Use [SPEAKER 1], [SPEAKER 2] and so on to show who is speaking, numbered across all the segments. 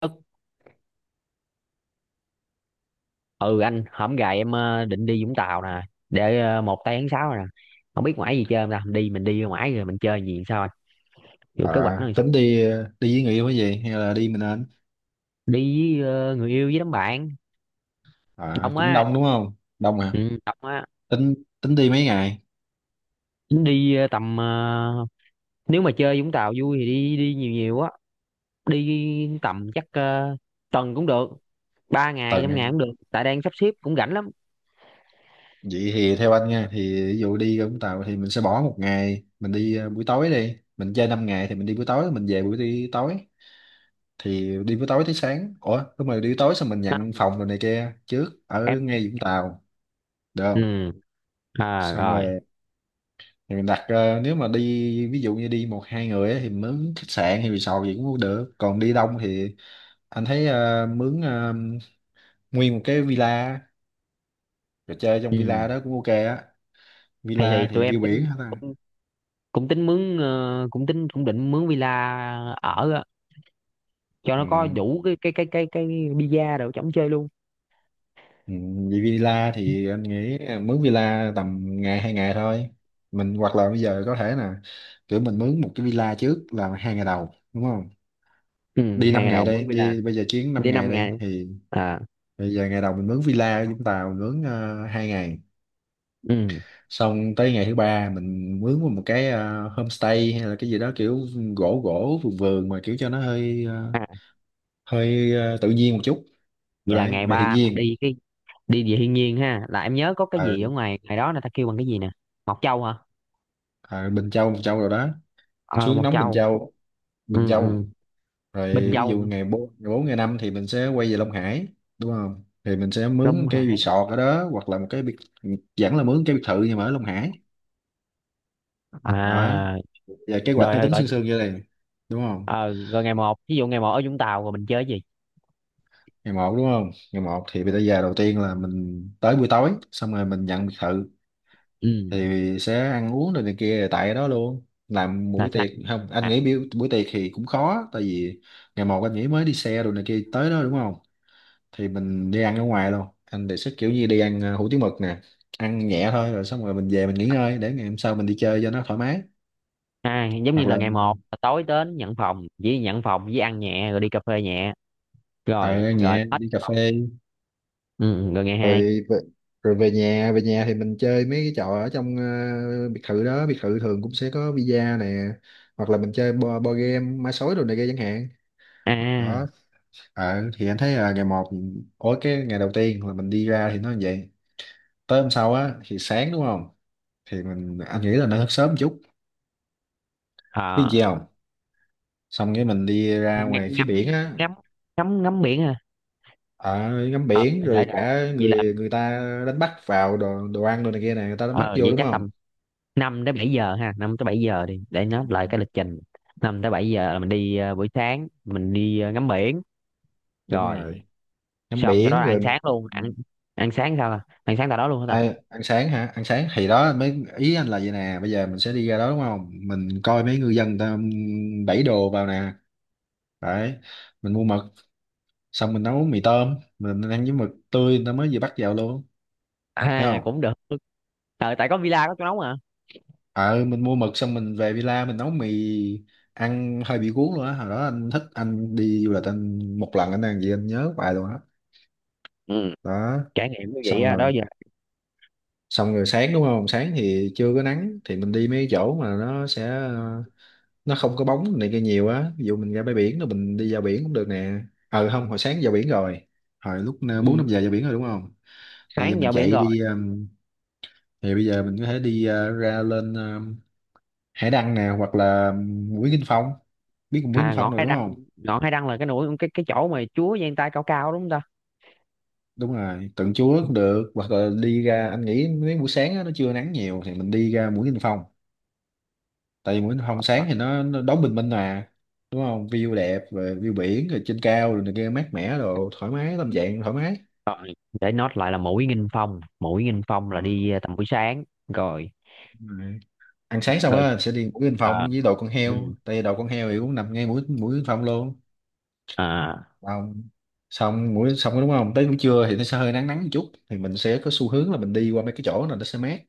[SPEAKER 1] Ất, ừ anh hổm gài em, định đi Vũng Tàu nè, để một tay tháng 6 rồi nè. Không biết ngoại gì chơi không ta, đi mình đi ngoại rồi mình chơi gì sao anh? Vô kế hoạch nó
[SPEAKER 2] À,
[SPEAKER 1] làm sao?
[SPEAKER 2] tính đi đi với người yêu cái gì hay là đi mình anh?
[SPEAKER 1] Đi với người yêu với đám bạn.
[SPEAKER 2] À,
[SPEAKER 1] Đông
[SPEAKER 2] cũng
[SPEAKER 1] á.
[SPEAKER 2] đông đúng không? Đông à.
[SPEAKER 1] Ừ, đông á.
[SPEAKER 2] Tính tính đi mấy ngày?
[SPEAKER 1] Đi tầm, nếu mà chơi Vũng Tàu vui thì đi đi nhiều nhiều á. Đi tầm chắc tuần cũng được, 3 ngày 5 ngày cũng
[SPEAKER 2] Tuần.
[SPEAKER 1] được tại đang sắp xếp cũng rảnh lắm.
[SPEAKER 2] Vậy thì theo anh nha, thì ví dụ đi Vũng Tàu thì mình sẽ bỏ một ngày, mình đi buổi tối đi. Mình chơi 5 ngày thì mình đi buổi tối, mình về buổi đi tối. Thì đi buổi tối tới sáng. Ủa, đúng rồi, đi buổi tối xong mình
[SPEAKER 1] Đó,
[SPEAKER 2] nhận phòng rồi này kia trước ở
[SPEAKER 1] em.
[SPEAKER 2] ngay Vũng Tàu, được không?
[SPEAKER 1] Ừ. À,
[SPEAKER 2] Xong
[SPEAKER 1] rồi.
[SPEAKER 2] rồi thì mình đặt, nếu mà đi ví dụ như đi một hai người á thì mình mướn khách sạn hay resort gì cũng được. Còn đi đông thì anh thấy, mướn nguyên một cái villa rồi chơi trong
[SPEAKER 1] Ừ.
[SPEAKER 2] villa đó cũng ok á.
[SPEAKER 1] thì
[SPEAKER 2] Villa
[SPEAKER 1] thì
[SPEAKER 2] thì
[SPEAKER 1] tụi em
[SPEAKER 2] view
[SPEAKER 1] tính,
[SPEAKER 2] biển hả ta?
[SPEAKER 1] cũng tính mướn, cũng tính cũng định mướn villa ở á, cho nó có
[SPEAKER 2] Ừ.
[SPEAKER 1] đủ cái visa đồ chống chơi luôn.
[SPEAKER 2] Ừ. Vì villa thì anh nghĩ mướn villa tầm ngày 2 ngày thôi. Mình hoặc là bây giờ có thể là kiểu mình mướn một cái villa trước là 2 ngày đầu đúng không,
[SPEAKER 1] Ừ,
[SPEAKER 2] đi
[SPEAKER 1] hai
[SPEAKER 2] 5
[SPEAKER 1] ngày
[SPEAKER 2] ngày
[SPEAKER 1] đầu
[SPEAKER 2] đây,
[SPEAKER 1] mướn villa,
[SPEAKER 2] đi bây giờ chuyến 5
[SPEAKER 1] đi
[SPEAKER 2] ngày
[SPEAKER 1] 5 ngày.
[SPEAKER 2] đây thì
[SPEAKER 1] À.
[SPEAKER 2] bây giờ ngày đầu mình mướn villa ở Vũng Tàu, mình mướn 2 ngày.
[SPEAKER 1] Ừ.
[SPEAKER 2] Xong tới ngày thứ ba mình mướn một cái homestay hay là cái gì đó kiểu gỗ gỗ vườn vườn, mà kiểu cho nó hơi ờ,
[SPEAKER 1] À,
[SPEAKER 2] hơi ờ, tự nhiên một chút,
[SPEAKER 1] vậy là
[SPEAKER 2] đấy,
[SPEAKER 1] ngày
[SPEAKER 2] về thiên
[SPEAKER 1] ba là
[SPEAKER 2] nhiên.
[SPEAKER 1] đi cái đi về thiên nhiên ha, là em nhớ có cái
[SPEAKER 2] Ờ,
[SPEAKER 1] gì ở ngoài ngày đó là ta kêu bằng cái gì nè? Mộc Châu hả?
[SPEAKER 2] ờ, Bình Châu Bình Châu rồi đó,
[SPEAKER 1] Ờ,
[SPEAKER 2] xuống
[SPEAKER 1] Mộc
[SPEAKER 2] nóng Bình
[SPEAKER 1] Châu.
[SPEAKER 2] Châu Bình
[SPEAKER 1] Ừ, ừ.
[SPEAKER 2] Châu.
[SPEAKER 1] Bình
[SPEAKER 2] Rồi ví
[SPEAKER 1] Châu.
[SPEAKER 2] dụ ngày bốn ngày 5 thì mình sẽ quay về Long Hải, đúng không, thì mình sẽ mướn
[SPEAKER 1] Long
[SPEAKER 2] cái
[SPEAKER 1] Hải.
[SPEAKER 2] resort ở đó hoặc là một cái biệt vẫn là mướn cái biệt thự nhưng mà ở Long Hải, đó.
[SPEAKER 1] À,
[SPEAKER 2] Và kế hoạch
[SPEAKER 1] rồi
[SPEAKER 2] nó
[SPEAKER 1] rồi
[SPEAKER 2] tính
[SPEAKER 1] rồi.
[SPEAKER 2] sương sương như này, đúng không?
[SPEAKER 1] Ờ, Rồi ngày 1, ví dụ ngày 1 ở Vũng Tàu rồi mình chơi cái gì?
[SPEAKER 2] Ngày một đúng không, ngày một thì bây giờ giờ đầu tiên là mình tới buổi tối, xong rồi mình nhận biệt thự
[SPEAKER 1] Ừ,
[SPEAKER 2] thì sẽ ăn uống rồi này kia, rồi tại đó luôn làm
[SPEAKER 1] là
[SPEAKER 2] buổi
[SPEAKER 1] sao?
[SPEAKER 2] tiệc không. Anh
[SPEAKER 1] À.
[SPEAKER 2] nghĩ buổi tiệc thì cũng khó, tại vì ngày một anh nghĩ mới đi xe rồi này kia tới đó đúng không, thì mình đi ăn ở ngoài luôn. Anh đề xuất kiểu như đi ăn hủ tiếu mực nè, ăn nhẹ thôi, rồi xong rồi mình về mình nghỉ ngơi để ngày hôm sau mình đi chơi cho nó thoải mái.
[SPEAKER 1] À, giống như
[SPEAKER 2] Hoặc
[SPEAKER 1] là
[SPEAKER 2] là
[SPEAKER 1] ngày 1 là tối đến nhận phòng, chỉ nhận phòng với ăn nhẹ rồi đi cà phê nhẹ
[SPEAKER 2] ờ,
[SPEAKER 1] rồi
[SPEAKER 2] ăn
[SPEAKER 1] rồi
[SPEAKER 2] nhẹ
[SPEAKER 1] hết.
[SPEAKER 2] đi cà phê
[SPEAKER 1] Ừ, ừ, rồi ngày
[SPEAKER 2] rồi
[SPEAKER 1] hai
[SPEAKER 2] về, rồi về nhà. Về nhà thì mình chơi mấy cái trò ở trong biệt thự đó. Biệt thự thường cũng sẽ có bida nè, hoặc là mình chơi bo game ma sói đồ này kia chẳng hạn,
[SPEAKER 1] À,
[SPEAKER 2] đó. Thì anh thấy là ngày một, ối, cái ngày đầu tiên là mình đi ra thì nó như vậy. Tới hôm sau á thì sáng đúng không, thì mình, anh nghĩ là nó thức sớm một chút, biết
[SPEAKER 1] ờ,
[SPEAKER 2] gì không, xong cái mình đi ra
[SPEAKER 1] ng-
[SPEAKER 2] ngoài phía
[SPEAKER 1] ngắm
[SPEAKER 2] biển á,
[SPEAKER 1] ngắm ngắm ngắm biển ha.
[SPEAKER 2] ở, ngắm
[SPEAKER 1] Ờ,
[SPEAKER 2] biển rồi
[SPEAKER 1] để
[SPEAKER 2] cả
[SPEAKER 1] vậy là.
[SPEAKER 2] người người ta đánh bắt vào đồ đồ ăn đồ này kia này, người ta đánh bắt
[SPEAKER 1] Ờ,
[SPEAKER 2] vô
[SPEAKER 1] vậy
[SPEAKER 2] đúng
[SPEAKER 1] chắc
[SPEAKER 2] không.
[SPEAKER 1] tầm 5 tới 7 giờ ha, 5 tới 7 giờ đi để nó
[SPEAKER 2] Ừ,
[SPEAKER 1] lại cái lịch trình. 5 tới 7 giờ là mình đi, buổi sáng mình đi ngắm biển
[SPEAKER 2] đúng
[SPEAKER 1] rồi.
[SPEAKER 2] rồi, ngắm
[SPEAKER 1] Xong sau đó
[SPEAKER 2] biển
[SPEAKER 1] là ăn
[SPEAKER 2] rồi.
[SPEAKER 1] sáng luôn, ăn, ăn sáng sao ta? Ăn sáng tại đó luôn hả ta?
[SPEAKER 2] Ê, ăn sáng hả, ăn sáng thì đó mấy ý anh là vậy nè, bây giờ mình sẽ đi ra đó đúng không, mình coi mấy ngư dân ta đẩy đồ vào nè, đấy, mình mua mực xong mình nấu mì tôm mình ăn với mực tươi người ta mới vừa bắt vào luôn, thấy
[SPEAKER 1] À,
[SPEAKER 2] không.
[SPEAKER 1] cũng được. Ờ, tại có villa có chỗ nóng à.
[SPEAKER 2] Ờ mình mua mực xong mình về villa mình nấu mì, ăn hơi bị cuốn luôn á. Hồi đó anh thích, anh đi du lịch, anh một lần anh ăn gì anh nhớ hoài luôn á,
[SPEAKER 1] Ừ,
[SPEAKER 2] đó.
[SPEAKER 1] trải nghiệm như vậy
[SPEAKER 2] xong
[SPEAKER 1] á đó.
[SPEAKER 2] rồi xong rồi sáng đúng không, sáng thì chưa có nắng thì mình đi mấy cái chỗ mà nó sẽ nó không có bóng này kia nhiều á, ví dụ mình ra bãi biển rồi mình đi vào biển cũng được nè. Không, hồi sáng vào biển rồi, hồi lúc bốn
[SPEAKER 1] Ừ.
[SPEAKER 2] năm giờ vào biển rồi đúng không, thì giờ
[SPEAKER 1] Sáng
[SPEAKER 2] mình
[SPEAKER 1] dạo biển
[SPEAKER 2] chạy
[SPEAKER 1] rồi.
[SPEAKER 2] đi thì bây giờ mình có thể đi ra, lên Hải Đăng nè hoặc là Mũi Kinh Phong, biết Mũi Kinh
[SPEAKER 1] À,
[SPEAKER 2] Phong
[SPEAKER 1] ngọn
[SPEAKER 2] rồi
[SPEAKER 1] Hải
[SPEAKER 2] đúng
[SPEAKER 1] Đăng.
[SPEAKER 2] không,
[SPEAKER 1] Ngọn Hải Đăng là cái núi, cái chỗ mà Chúa giang tay cao cao đúng không ta?
[SPEAKER 2] đúng rồi, Tượng Chúa cũng được. Hoặc là đi
[SPEAKER 1] Ừ.
[SPEAKER 2] ra, anh nghĩ mấy buổi sáng á, nó chưa nắng nhiều thì mình đi ra Mũi Kinh Phong, tại vì Nguyễn Hồng
[SPEAKER 1] Ờ,
[SPEAKER 2] Sáng thì nó đón bình minh mà, đúng không, view đẹp rồi, view biển rồi, trên cao rồi này kia mát mẻ rồi, thoải mái, tâm trạng thoải mái.
[SPEAKER 1] để nốt lại là mũi Nghinh Phong. Mũi Nghinh Phong
[SPEAKER 2] Ờ,
[SPEAKER 1] là đi tầm buổi sáng. Rồi
[SPEAKER 2] đúng rồi. Ăn sáng xong
[SPEAKER 1] rồi.
[SPEAKER 2] á sẽ đi mũi Yên
[SPEAKER 1] À.
[SPEAKER 2] Phong với đồ con
[SPEAKER 1] Ừ.
[SPEAKER 2] heo, tại vì đồ con heo thì cũng nằm ngay mũi mũi Yên Phong luôn.
[SPEAKER 1] À,
[SPEAKER 2] Xong xong mũi xong đúng không, tới buổi trưa thì nó sẽ hơi nắng nắng một chút, thì mình sẽ có xu hướng là mình đi qua mấy cái chỗ này nó sẽ mát,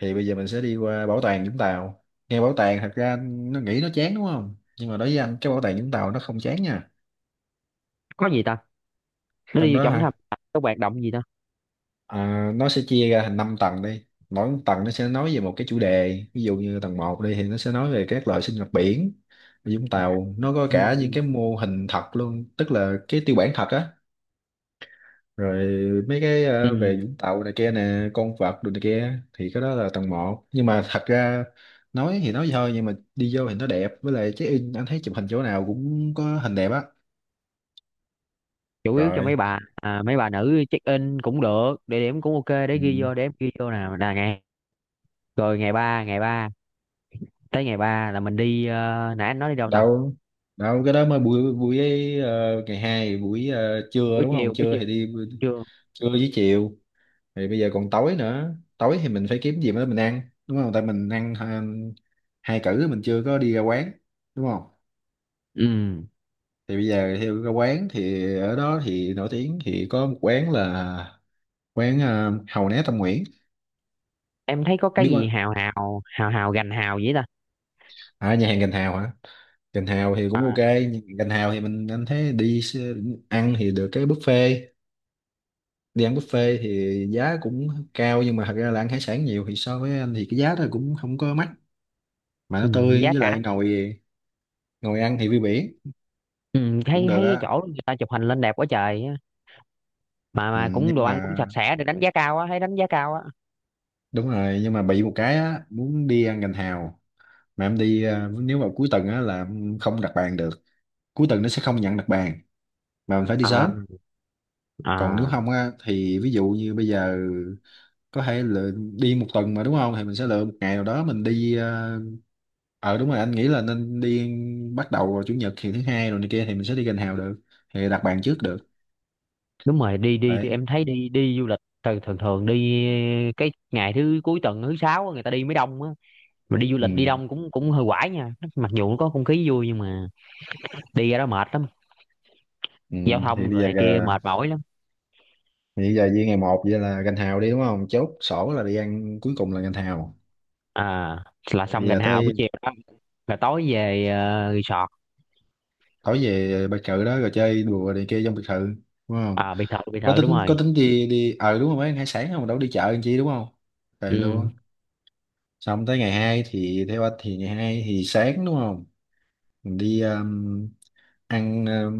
[SPEAKER 2] thì bây giờ mình sẽ đi qua bảo tàng Vũng Tàu. Nghe bảo tàng thật ra nó nghĩ nó chán đúng không, nhưng mà đối với anh cái bảo tàng Vũng Tàu nó không chán nha,
[SPEAKER 1] có gì ta? Nó đi
[SPEAKER 2] trong
[SPEAKER 1] vô
[SPEAKER 2] đó
[SPEAKER 1] trong thăm
[SPEAKER 2] hả.
[SPEAKER 1] có hoạt động gì ta?
[SPEAKER 2] À, nó sẽ chia ra thành 5 tầng đi, mỗi một tầng nó sẽ nói về một cái chủ đề, ví dụ như tầng một đi thì nó sẽ nói về các loại sinh vật biển ở Vũng Tàu, nó có
[SPEAKER 1] Ừ.
[SPEAKER 2] cả những cái mô hình thật luôn, tức là cái tiêu bản thật á, rồi mấy cái
[SPEAKER 1] Ừ.
[SPEAKER 2] về Vũng Tàu này kia nè, con vật đồ này kia, thì cái đó là tầng một. Nhưng mà thật ra nói thì nói vậy thôi, nhưng mà đi vô thì nó đẹp, với lại check in anh thấy chụp hình chỗ nào cũng có hình đẹp á,
[SPEAKER 1] Chủ yếu cho mấy
[SPEAKER 2] rồi,
[SPEAKER 1] bà, à, mấy bà nữ check in cũng được, địa điểm cũng OK. Để
[SPEAKER 2] ừ.
[SPEAKER 1] ghi vô, để em ghi vô nào là ngày. Rồi ngày 3 ngày 3, tới ngày 3 là mình đi, nãy anh nói đi đâu ta?
[SPEAKER 2] Đâu đâu, cái đó mới buổi buổi ngày hai buổi trưa
[SPEAKER 1] Buổi
[SPEAKER 2] đúng không,
[SPEAKER 1] chiều, buổi
[SPEAKER 2] trưa
[SPEAKER 1] chiều.
[SPEAKER 2] thì đi
[SPEAKER 1] Chưa.
[SPEAKER 2] trưa với chiều, thì bây giờ còn tối nữa. Tối thì mình phải kiếm gì đó mình ăn đúng không, tại mình ăn hai cữ mình chưa có đi ra quán đúng không,
[SPEAKER 1] Ừ,
[SPEAKER 2] thì bây giờ theo ra quán thì ở đó thì nổi tiếng thì có một quán là quán Hàu Né Tâm Nguyễn,
[SPEAKER 1] em thấy có cái
[SPEAKER 2] biết
[SPEAKER 1] gì
[SPEAKER 2] quán,
[SPEAKER 1] hào hào hào hào gành hào vậy ta?
[SPEAKER 2] à nhà hàng Gành Hào hả, Gành Hào thì cũng ok. Nhưng Gành Hào thì mình, anh thấy ăn thì được cái buffet. Đi ăn buffet thì giá cũng cao, nhưng mà thật ra là ăn hải sản nhiều thì so với anh thì cái giá đó cũng không có mắc, mà nó
[SPEAKER 1] Ừ,
[SPEAKER 2] tươi,
[SPEAKER 1] giá
[SPEAKER 2] với
[SPEAKER 1] cả.
[SPEAKER 2] lại ngồi ngồi ăn thì view biển
[SPEAKER 1] Ừ,
[SPEAKER 2] cũng
[SPEAKER 1] thấy
[SPEAKER 2] được
[SPEAKER 1] thấy cái
[SPEAKER 2] á.
[SPEAKER 1] chỗ người ta chụp hình lên đẹp quá trời á. mà
[SPEAKER 2] Ừ,
[SPEAKER 1] mà cũng
[SPEAKER 2] nhưng
[SPEAKER 1] đồ ăn
[SPEAKER 2] mà
[SPEAKER 1] cũng sạch sẽ, được đánh giá cao á, thấy đánh giá cao á.
[SPEAKER 2] đúng rồi, nhưng mà bị một cái á, muốn đi ăn gành hào mà em đi à, nếu vào cuối tuần á là em không đặt bàn được, cuối tuần nó sẽ không nhận đặt bàn mà mình phải đi
[SPEAKER 1] À,
[SPEAKER 2] sớm. Còn nếu
[SPEAKER 1] à,
[SPEAKER 2] không á thì ví dụ như bây giờ có thể là đi một tuần mà đúng không, thì mình sẽ lựa một ngày nào đó mình đi à, đúng rồi, anh nghĩ là nên đi bắt đầu vào chủ nhật, thì thứ hai rồi này kia thì mình sẽ đi gần hào được, thì đặt bàn trước được,
[SPEAKER 1] đúng rồi. Đi đi đi,
[SPEAKER 2] đấy,
[SPEAKER 1] em thấy đi đi du lịch thường thường thường đi cái ngày thứ cuối tuần, thứ sáu á, người ta đi mới đông á. Mà đi du lịch đi
[SPEAKER 2] ừ.
[SPEAKER 1] đông cũng cũng hơi quải nha, mặc dù có không khí vui nhưng mà đi ra đó mệt lắm.
[SPEAKER 2] Ừ.
[SPEAKER 1] Giao
[SPEAKER 2] thì
[SPEAKER 1] thông
[SPEAKER 2] bây
[SPEAKER 1] rồi
[SPEAKER 2] giờ
[SPEAKER 1] này kia
[SPEAKER 2] là-
[SPEAKER 1] mệt mỏi lắm.
[SPEAKER 2] thì bây giờ với ngày một vậy là gành hào đi, đúng không? Chốt sổ là đi ăn cuối cùng là gành hào.
[SPEAKER 1] À, là
[SPEAKER 2] Thì
[SPEAKER 1] xong
[SPEAKER 2] bây
[SPEAKER 1] gành
[SPEAKER 2] giờ
[SPEAKER 1] hào buổi
[SPEAKER 2] tới
[SPEAKER 1] chiều đó, là tối về. Resort.
[SPEAKER 2] tối về biệt thự đó rồi chơi đùa này kia trong biệt thự, đúng không?
[SPEAKER 1] À, biệt thự, biệt
[SPEAKER 2] Có
[SPEAKER 1] thự đúng
[SPEAKER 2] tính, có
[SPEAKER 1] rồi.
[SPEAKER 2] tính đi đi, ờ đúng rồi, mấy ăn hải sản không đâu đi chợ làm chi, đúng không? Về
[SPEAKER 1] Ừ.
[SPEAKER 2] luôn. Xong tới ngày hai thì theo anh thì ngày hai thì sáng, đúng không? Mình đi ăn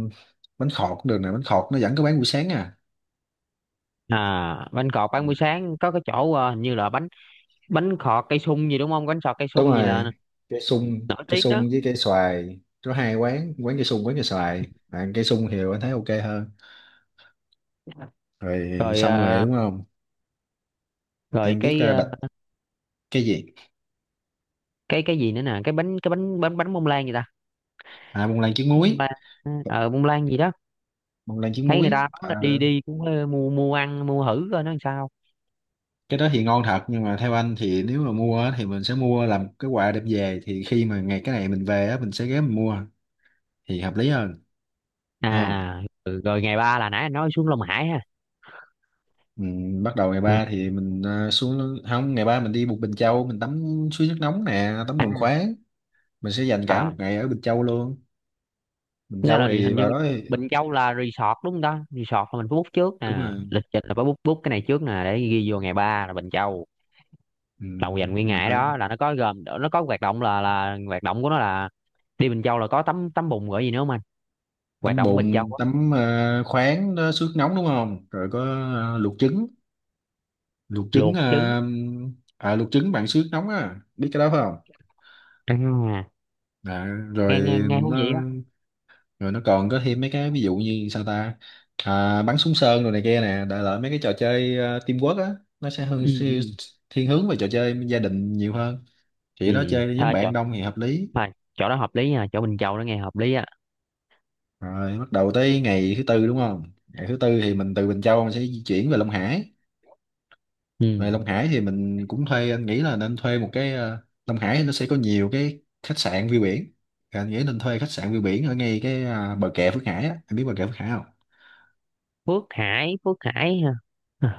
[SPEAKER 2] bánh khọt cũng được nè, bánh khọt nó vẫn có bán buổi sáng à.
[SPEAKER 1] À, bánh cọt
[SPEAKER 2] À,
[SPEAKER 1] bán buổi sáng có cái chỗ, hình như là bánh, bánh khọt cây sung gì đúng không? Bánh khọt cây
[SPEAKER 2] đúng
[SPEAKER 1] sung gì
[SPEAKER 2] rồi,
[SPEAKER 1] là
[SPEAKER 2] cây sung,
[SPEAKER 1] nổi
[SPEAKER 2] cây
[SPEAKER 1] tiếng đó.
[SPEAKER 2] sung với cây xoài. Có hai quán, quán cây sung, quán cây xoài, à, cây sung thì anh thấy ok hơn. Rồi
[SPEAKER 1] Rồi
[SPEAKER 2] xong rồi đúng không?
[SPEAKER 1] rồi
[SPEAKER 2] Em biết
[SPEAKER 1] cái,
[SPEAKER 2] bạch cái gì,
[SPEAKER 1] cái gì nữa nè, cái bánh, cái bánh bánh bánh bông lan gì ta?
[SPEAKER 2] à, bông lan trứng
[SPEAKER 1] Bông
[SPEAKER 2] muối,
[SPEAKER 1] lan. Bông lan gì đó,
[SPEAKER 2] bông lan trứng
[SPEAKER 1] thấy người
[SPEAKER 2] muối.
[SPEAKER 1] ta nói là đi
[SPEAKER 2] Ờ,
[SPEAKER 1] đi cũng mua, mua ăn, mua thử coi nó làm sao.
[SPEAKER 2] cái đó thì ngon thật, nhưng mà theo anh thì nếu mà mua á, thì mình sẽ mua làm cái quà đem về, thì khi mà ngày cái này mình về á, mình sẽ ghé mình mua thì hợp lý hơn. Đúng không?
[SPEAKER 1] À. Ừ, rồi ngày ba là nãy anh nói xuống Long Hải ha.
[SPEAKER 2] Ừ, bắt đầu ngày
[SPEAKER 1] Ừ.
[SPEAKER 2] ba thì mình xuống, không, ngày ba mình đi Bục Bình Châu, mình tắm suối nước nóng nè, tắm bùn khoáng. Mình sẽ dành cả một
[SPEAKER 1] À,
[SPEAKER 2] ngày ở Bình Châu luôn. Bình
[SPEAKER 1] nó
[SPEAKER 2] Châu
[SPEAKER 1] là
[SPEAKER 2] thì
[SPEAKER 1] hình như
[SPEAKER 2] vào đó thì-
[SPEAKER 1] Bình Châu là resort đúng không ta? Resort là mình phải book trước
[SPEAKER 2] Đúng
[SPEAKER 1] nè,
[SPEAKER 2] rồi,
[SPEAKER 1] lịch trình là phải book book cái này trước nè, để ghi vô ngày 3 là Bình Châu,
[SPEAKER 2] ừ,
[SPEAKER 1] là dành nguyên
[SPEAKER 2] mình
[SPEAKER 1] ngày
[SPEAKER 2] phải
[SPEAKER 1] đó. Là nó có gồm, nó có hoạt động là hoạt động của nó là đi Bình Châu là có tắm, tắm bùn, gọi gì nữa không anh, hoạt
[SPEAKER 2] tắm
[SPEAKER 1] động ở Bình Châu
[SPEAKER 2] bùn,
[SPEAKER 1] á?
[SPEAKER 2] tắm khoáng đó, suối nước nóng, đúng không? Rồi có luộc trứng, luộc trứng
[SPEAKER 1] Luộc trứng.
[SPEAKER 2] à, luộc trứng bằng suối nước nóng á, biết cái đó phải không?
[SPEAKER 1] À,
[SPEAKER 2] À,
[SPEAKER 1] nghe
[SPEAKER 2] rồi.
[SPEAKER 1] nghe nghe thú vị á.
[SPEAKER 2] Rồi nó còn có thêm mấy cái ví dụ như sao ta, à, bắn súng sơn rồi này kia nè, đại loại mấy cái trò chơi teamwork á, nó sẽ hơn
[SPEAKER 1] Ừ
[SPEAKER 2] siêu-
[SPEAKER 1] ừ.
[SPEAKER 2] thiên hướng về trò chơi gia đình nhiều hơn.
[SPEAKER 1] Ừ,
[SPEAKER 2] Chỉ đó chơi với nhóm
[SPEAKER 1] thôi chỗ,
[SPEAKER 2] bạn đông thì hợp lý.
[SPEAKER 1] thôi chỗ đó hợp lý nha, chỗ Bình Châu đó nghe hợp lý á.
[SPEAKER 2] Rồi bắt đầu tới ngày thứ tư, đúng không? Ngày thứ tư thì mình từ Bình Châu mình sẽ di chuyển về Long Hải.
[SPEAKER 1] Ừ.
[SPEAKER 2] Về Long Hải thì mình cũng thuê, anh nghĩ là nên thuê một cái Long Hải nó sẽ có nhiều cái khách sạn view biển. Thì anh nghĩ nên thuê khách sạn view biển ở ngay cái bờ kè Phước Hải á, anh biết bờ kè Phước Hải không?
[SPEAKER 1] Phước Hải, Phước Hải ha.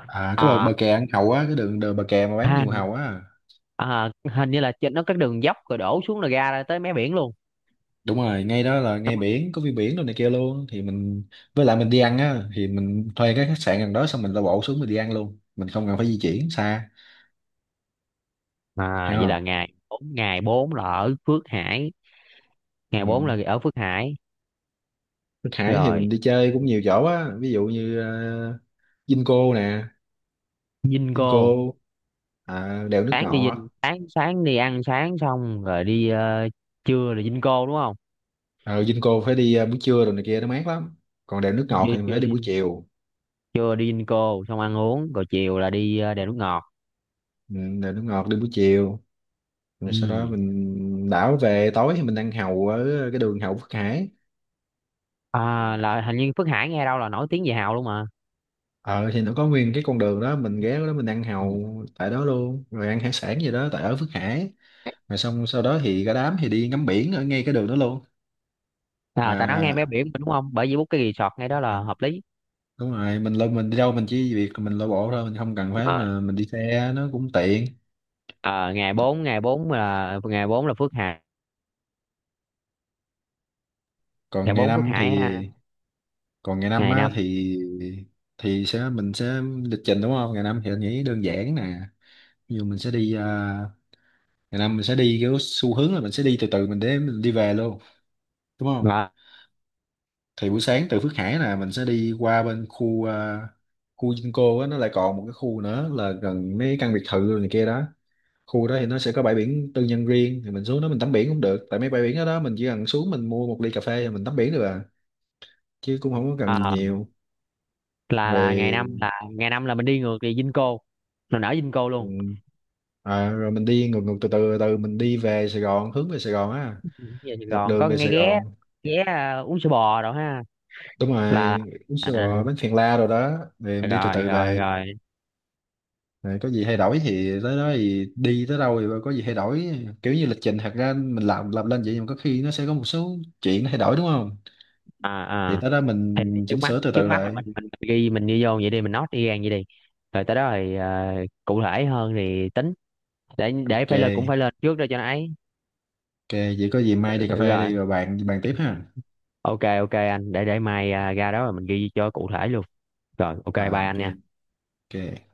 [SPEAKER 2] À cái
[SPEAKER 1] À
[SPEAKER 2] bờ kè ăn hàu á, cái đường bờ kè mà bán
[SPEAKER 1] ha.
[SPEAKER 2] nhiều hàu á.
[SPEAKER 1] À, hình như là trên nó các đường dốc rồi đổ xuống là ra ra tới mé biển luôn.
[SPEAKER 2] Đúng rồi, ngay đó là ngay biển, có view biển đồ này kia luôn thì mình, với lại mình đi ăn á thì mình thuê cái khách sạn gần đó, xong mình la bộ xuống mình đi ăn luôn, mình không cần phải di chuyển xa.
[SPEAKER 1] À,
[SPEAKER 2] Hiểu
[SPEAKER 1] vậy là
[SPEAKER 2] không?
[SPEAKER 1] ngày 4, ngày bốn là ở Phước Hải. ngày
[SPEAKER 2] Ừ.
[SPEAKER 1] bốn là ở Phước Hải
[SPEAKER 2] Nước Hải thì
[SPEAKER 1] rồi.
[SPEAKER 2] mình đi chơi cũng nhiều chỗ á, ví dụ như uh, Vinco nè,
[SPEAKER 1] Dinh Cô.
[SPEAKER 2] Vinco, à, đèo nước
[SPEAKER 1] Sáng đi Dinh,
[SPEAKER 2] ngọt.
[SPEAKER 1] sáng sáng đi ăn sáng xong rồi đi, trưa là Dinh Cô đúng không?
[SPEAKER 2] Ờ Vinco phải đi buổi trưa rồi này kia nó mát lắm, còn đèo nước ngọt
[SPEAKER 1] Đi
[SPEAKER 2] thì mình
[SPEAKER 1] trưa
[SPEAKER 2] phải đi
[SPEAKER 1] đi,
[SPEAKER 2] buổi chiều.
[SPEAKER 1] trưa đi Dinh Cô xong ăn uống rồi chiều là đi, đèo nước ngọt.
[SPEAKER 2] Ừ, đèo nước ngọt đi buổi chiều. Rồi sau đó
[SPEAKER 1] Ừ.
[SPEAKER 2] mình đảo về, tối thì mình ăn hàu ở cái đường Hậu Phước Hải.
[SPEAKER 1] À, là hình như Phước Hải nghe đâu là nổi tiếng về hào luôn mà.
[SPEAKER 2] Ờ thì nó có nguyên cái con đường đó, mình ghé đó mình ăn
[SPEAKER 1] Ừ.
[SPEAKER 2] hàu tại đó luôn, rồi ăn hải sản gì đó tại ở Phước Hải. Rồi xong sau đó thì cả đám thì đi ngắm biển ở ngay cái đường đó luôn.
[SPEAKER 1] À, ta nói nghe mé
[SPEAKER 2] mà
[SPEAKER 1] biển mà đúng không, bởi vì bút cái resort ngay đó là
[SPEAKER 2] mà-
[SPEAKER 1] hợp lý.
[SPEAKER 2] Đúng rồi, mình lên mình đi đâu mình chỉ việc mình lội bộ thôi, mình không cần phải, mà mình đi xe nó cũng tiện.
[SPEAKER 1] Ờ, ngày 4, ngày 4 là, ngày 4 là Phước Hải. Ngày
[SPEAKER 2] Còn ngày
[SPEAKER 1] 4 Phước
[SPEAKER 2] năm thì,
[SPEAKER 1] Hải ha.
[SPEAKER 2] còn ngày năm
[SPEAKER 1] ngày
[SPEAKER 2] á
[SPEAKER 1] năm
[SPEAKER 2] thì sẽ mình sẽ lịch trình đúng không, ngày năm thì anh nghĩ đơn giản nè. Ví dụ mình sẽ đi, à, ngày năm mình sẽ đi kiểu xu hướng là mình sẽ đi từ từ mình để mình đi về luôn, đúng không?
[SPEAKER 1] là,
[SPEAKER 2] Thì buổi sáng từ Phước Hải nè mình sẽ đi qua bên khu, à, khu Vinco á, nó lại còn một cái khu nữa là gần mấy căn biệt thự rồi này kia đó. Khu đó thì nó sẽ có bãi biển tư nhân riêng, thì mình xuống đó mình tắm biển cũng được, tại mấy bãi biển đó, đó mình chỉ cần xuống mình mua một ly cà phê rồi mình tắm biển được à, chứ cũng không có cần gì
[SPEAKER 1] ờ,
[SPEAKER 2] nhiều.
[SPEAKER 1] là ngày 5
[SPEAKER 2] Rồi
[SPEAKER 1] là, ngày 5 là mình đi ngược về Vinco, mình ở Vinco
[SPEAKER 2] ừ,
[SPEAKER 1] luôn.
[SPEAKER 2] à, rồi mình đi ngược, ngược từ từ từ mình đi về Sài Gòn, hướng về Sài Gòn á,
[SPEAKER 1] Về Sài
[SPEAKER 2] dọc
[SPEAKER 1] Gòn
[SPEAKER 2] đường
[SPEAKER 1] có
[SPEAKER 2] về
[SPEAKER 1] nghe
[SPEAKER 2] Sài
[SPEAKER 1] ghé,
[SPEAKER 2] Gòn.
[SPEAKER 1] ghé uống sữa bò rồi ha.
[SPEAKER 2] Đúng
[SPEAKER 1] Là.
[SPEAKER 2] rồi, uống sữa
[SPEAKER 1] À,
[SPEAKER 2] bò bánh phèn la rồi đó. Rồi em đi từ
[SPEAKER 1] rồi
[SPEAKER 2] từ
[SPEAKER 1] rồi
[SPEAKER 2] về.
[SPEAKER 1] rồi.
[SPEAKER 2] Rồi có gì hay đổi thì tới đó thì đi tới đâu thì có gì hay đổi, kiểu như lịch trình thật ra mình làm lên vậy nhưng mà có khi nó sẽ có một số chuyện nó thay đổi, đúng không?
[SPEAKER 1] À,
[SPEAKER 2] Thì
[SPEAKER 1] à.
[SPEAKER 2] tới đó
[SPEAKER 1] Thì
[SPEAKER 2] mình
[SPEAKER 1] trước
[SPEAKER 2] chỉnh
[SPEAKER 1] mắt,
[SPEAKER 2] sửa từ
[SPEAKER 1] trước
[SPEAKER 2] từ
[SPEAKER 1] mắt là
[SPEAKER 2] lại.
[SPEAKER 1] mình ghi mình đi vô vậy đi, mình note đi gan vậy đi. Rồi tới đó thì cụ thể hơn thì tính. Để
[SPEAKER 2] Ok,
[SPEAKER 1] phải lên, cũng phải lên trước đó cho nó ấy.
[SPEAKER 2] ok, vậy có gì mai đi cà phê
[SPEAKER 1] Rồi
[SPEAKER 2] đi rồi bàn bàn tiếp ha.
[SPEAKER 1] OK. OK anh, để mai, à, ra đó rồi mình ghi cho cụ thể luôn. Rồi OK,
[SPEAKER 2] Rồi
[SPEAKER 1] bye
[SPEAKER 2] ok,
[SPEAKER 1] anh nha.
[SPEAKER 2] ok.